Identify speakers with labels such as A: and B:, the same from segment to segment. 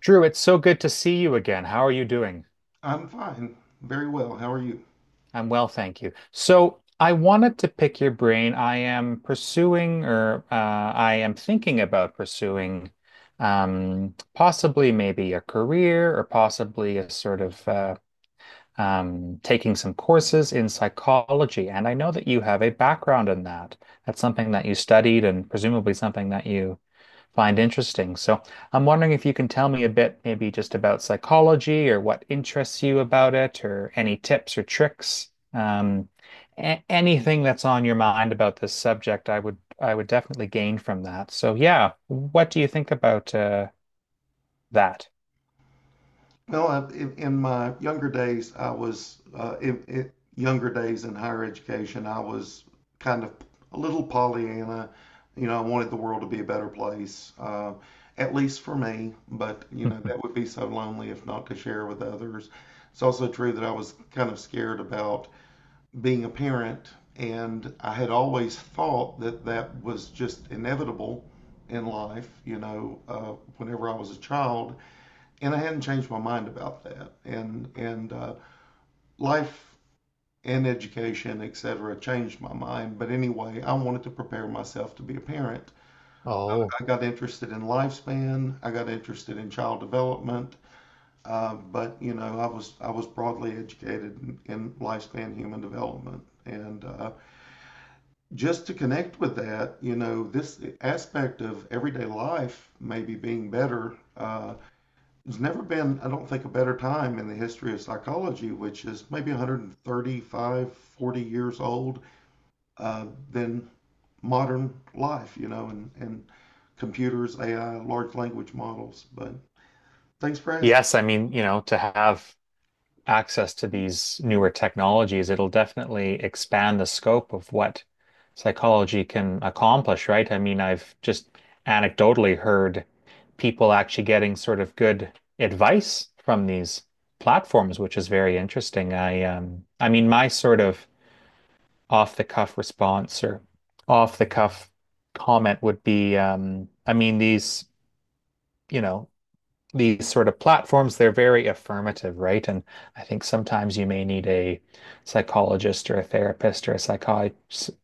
A: Drew, it's so good to see you again. How are you doing?
B: I'm fine, very well. How are you?
A: I'm well, thank you. So, I wanted to pick your brain. I am pursuing, or I am thinking about pursuing, possibly maybe a career or possibly a sort of taking some courses in psychology, and I know that you have a background in that. That's something that you studied and presumably something that you find interesting. So I'm wondering if you can tell me a bit, maybe just about psychology or what interests you about it, or any tips or tricks. Anything that's on your mind about this subject, I would definitely gain from that. So yeah, what do you think about that?
B: Well, in my younger days, I was in younger days in higher education, I was kind of a little Pollyanna. You know, I wanted the world to be a better place, at least for me. But you know, that would be so lonely if not to share with others. It's also true that I was kind of scared about being a parent, and I had always thought that that was just inevitable in life, you know, whenever I was a child, and I hadn't changed my mind about that. And life and education, etc., changed my mind. But anyway, I wanted to prepare myself to be a parent.
A: Oh,
B: I got interested in lifespan. I got interested in child development. But you know, I was broadly educated in lifespan human development, and just to connect with that, you know, this aspect of everyday life maybe being better. There's never been, I don't think, a better time in the history of psychology, which is maybe 135, 40 years old, uh, than modern life, you know, and computers, AI, large language models. But thanks for asking.
A: yes. I mean, you know, to have access to these newer technologies, it'll definitely expand the scope of what psychology can accomplish, right? I mean, I've just anecdotally heard people actually getting sort of good advice from these platforms, which is very interesting. I mean, my sort of off the cuff response or off the cuff comment would be, I mean, you know, these sort of platforms, they're very affirmative, right? And I think sometimes you may need a psychologist or a therapist or a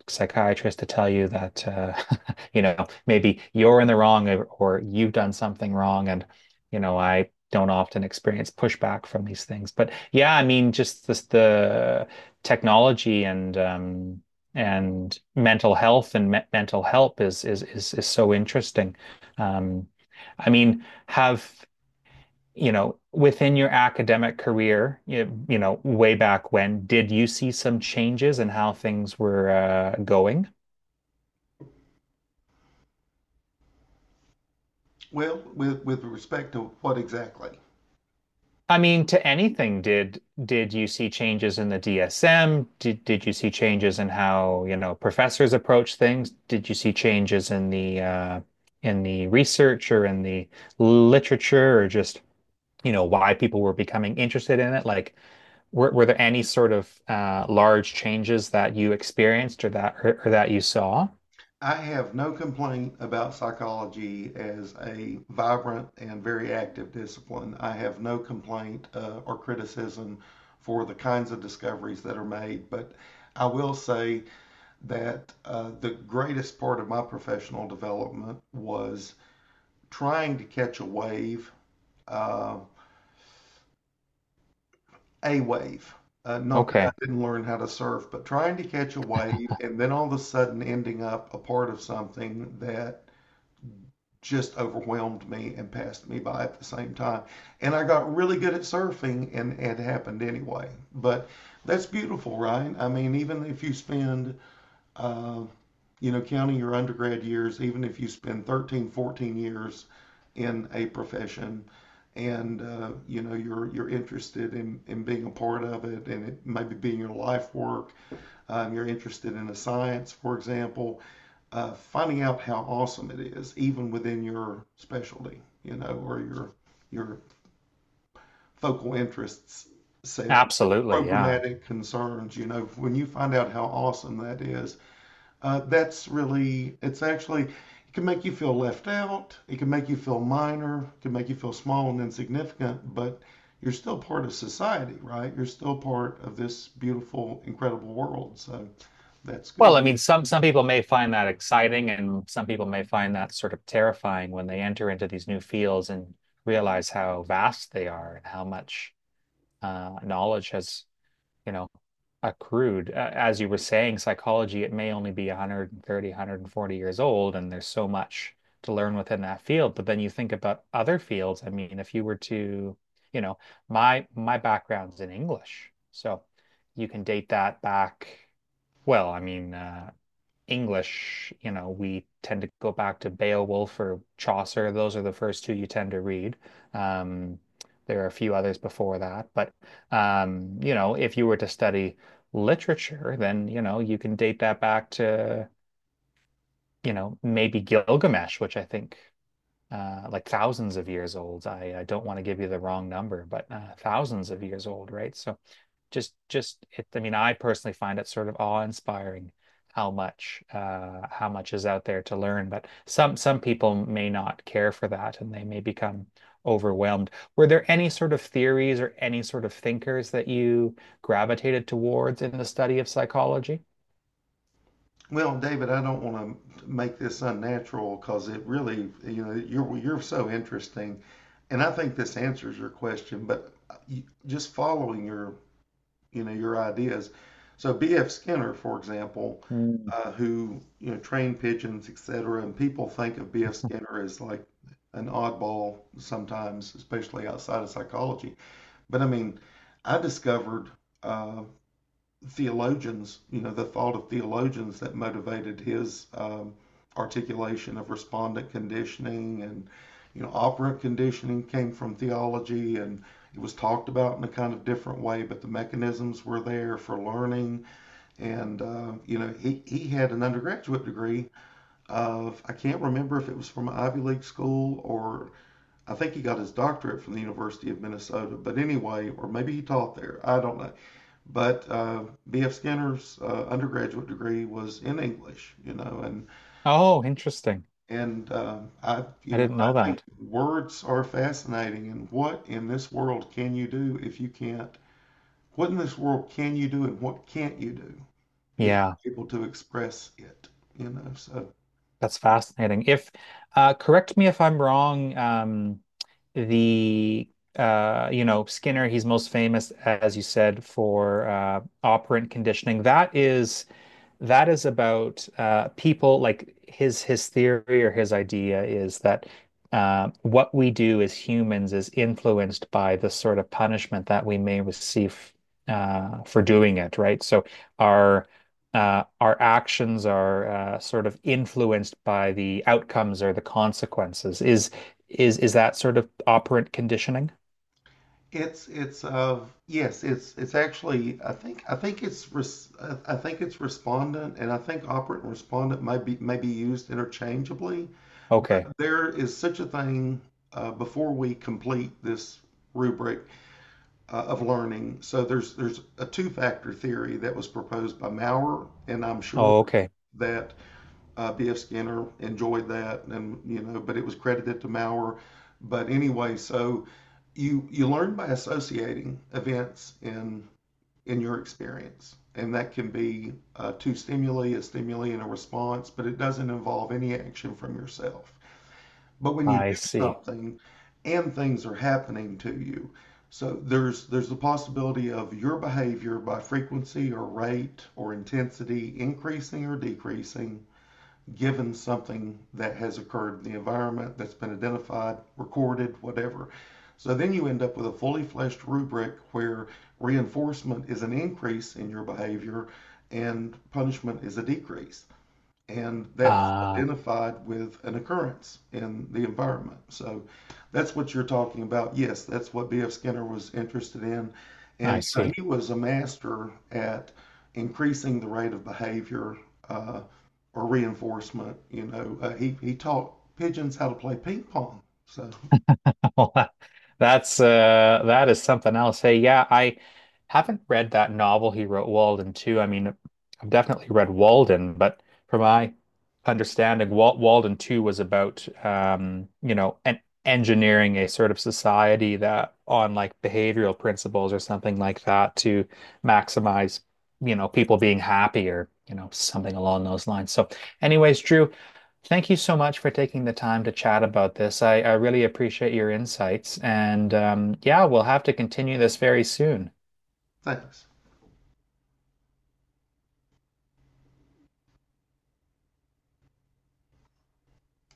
A: psychiatrist to tell you that, you know, maybe you're in the wrong or you've done something wrong. And, you know, I don't often experience pushback from these things. But yeah, I mean, just this, the technology and mental health and me mental help is so interesting. Um, I mean, have you know, within your academic career, you know, way back when, did you see some changes in how things were going?
B: Well, with respect to what exactly?
A: I mean, to anything, did you see changes in the DSM? Did you see changes in how, you know, professors approach things? Did you see changes in the research or in the literature or just, you know, why people were becoming interested in it? Like, were there any sort of large changes that you experienced or or that you saw?
B: I have no complaint about psychology as a vibrant and very active discipline. I have no complaint or criticism for the kinds of discoveries that are made, but I will say that the greatest part of my professional development was trying to catch a wave, uh, a wave. Not that I
A: Okay.
B: didn't learn how to surf, but trying to catch a wave and then all of a sudden ending up a part of something that just overwhelmed me and passed me by at the same time. And I got really good at surfing and it happened anyway. But that's beautiful, right? I mean, even if you spend, uh, you know, counting your undergrad years, even if you spend 13, 14 years in a profession and, you know, you're interested in being a part of it and it maybe being your life work, you're interested in a science, for example, finding out how awesome it is, even within your specialty, you know, or your focal interests set, your
A: Absolutely, yeah.
B: programmatic concerns. You know, when you find out how awesome that is, that's really, it's actually, it can make you feel left out. It can make you feel minor. It can make you feel small and insignificant, but you're still part of society, right? You're still part of this beautiful, incredible world. So that's
A: Well,
B: good.
A: I mean, some people may find that exciting, and some people may find that sort of terrifying when they enter into these new fields and realize how vast they are and how much knowledge has, you know, accrued. As you were saying, psychology, it may only be 130, 140 years old, and there's so much to learn within that field. But then you think about other fields. I mean, if you were to, you know, my background's in English, so you can date that back. Well, I mean, English, you know, we tend to go back to Beowulf or Chaucer. Those are the first two you tend to read. Um, there are a few others before that, but you know, if you were to study literature, then you know you can date that back to, you know, maybe Gilgamesh, which I think, like, thousands of years old. I don't want to give you the wrong number, but thousands of years old, right? So just it, I mean, I personally find it sort of awe-inspiring how much is out there to learn. But some people may not care for that, and they may become overwhelmed. Were there any sort of theories or any sort of thinkers that you gravitated towards in the study of psychology?
B: Well, David, I don't want to make this unnatural because it really, you know, you're so interesting, and I think this answers your question. But you- just following your, you know, your ideas. So B.F. Skinner, for example,
A: Mm.
B: who you know trained pigeons, etc., and people think of B.F. Skinner as like an oddball sometimes, especially outside of psychology. But I mean, I discovered. Um, theologians, you know, the thought of theologians that motivated his articulation of respondent conditioning and, you know, operant conditioning came from theology and it was talked about in a kind of different way, but the mechanisms were there for learning. And, you know, he had an undergraduate degree of, I can't remember if it was from an Ivy League school or I think he got his doctorate from the University of Minnesota, but anyway, or maybe he taught there. I don't know. But B.F. Skinner's undergraduate degree was in English, you know, and
A: Oh, interesting.
B: I, you
A: I
B: know,
A: didn't know
B: I think
A: that.
B: words are fascinating. And what in this world can you do if you can't? What in this world can you do, and what can't you do if
A: Yeah,
B: you're able to express it? You know, so
A: that's fascinating. If correct me if I'm wrong, the you know, Skinner, he's most famous, as you said, for operant conditioning. That is about, people like, his theory or his idea is that what we do as humans is influenced by the sort of punishment that we may receive for doing it, right? So our, our actions are, sort of influenced by the outcomes or the consequences. Is that sort of operant conditioning?
B: it's yes, it's actually, I think it's res-, I think it's respondent, and I think operant and respondent may be used interchangeably.
A: Okay.
B: There is such a thing, before we complete this rubric of learning. So there's a two-factor theory that was proposed by Maurer, and I'm sure
A: Oh, okay.
B: that B.F. Skinner enjoyed that, and you know, but it was credited to Maurer. But anyway, so you learn by associating events in your experience, and that can be two stimuli, a stimuli and a response, but it doesn't involve any action from yourself. But when you do
A: I see.
B: something and things are happening to you, so there's the possibility of your behavior by frequency or rate or intensity increasing or decreasing given something that has occurred in the environment that's been identified, recorded, whatever. So then you end up with a fully fleshed rubric where reinforcement is an increase in your behavior and punishment is a decrease and that's
A: Ah,
B: identified with an occurrence in the environment. So that's what you're talking about. Yes, that's what B.F. Skinner was interested in.
A: I
B: And you know,
A: see.
B: he was a master at increasing the rate of behavior, uh, or reinforcement. You know, he taught pigeons how to play ping pong. So
A: That's that is something else. Hey, yeah, I haven't read that novel he wrote, Walden, Two. I mean, I've definitely read Walden, but from my understanding, Walden 2 was about, you know, an engineering a sort of society that on, like, behavioral principles or something like that to maximize, you know, people being happy or, you know, something along those lines. So, anyways, Drew, thank you so much for taking the time to chat about this. I really appreciate your insights. And yeah, we'll have to continue this very soon.
B: thanks.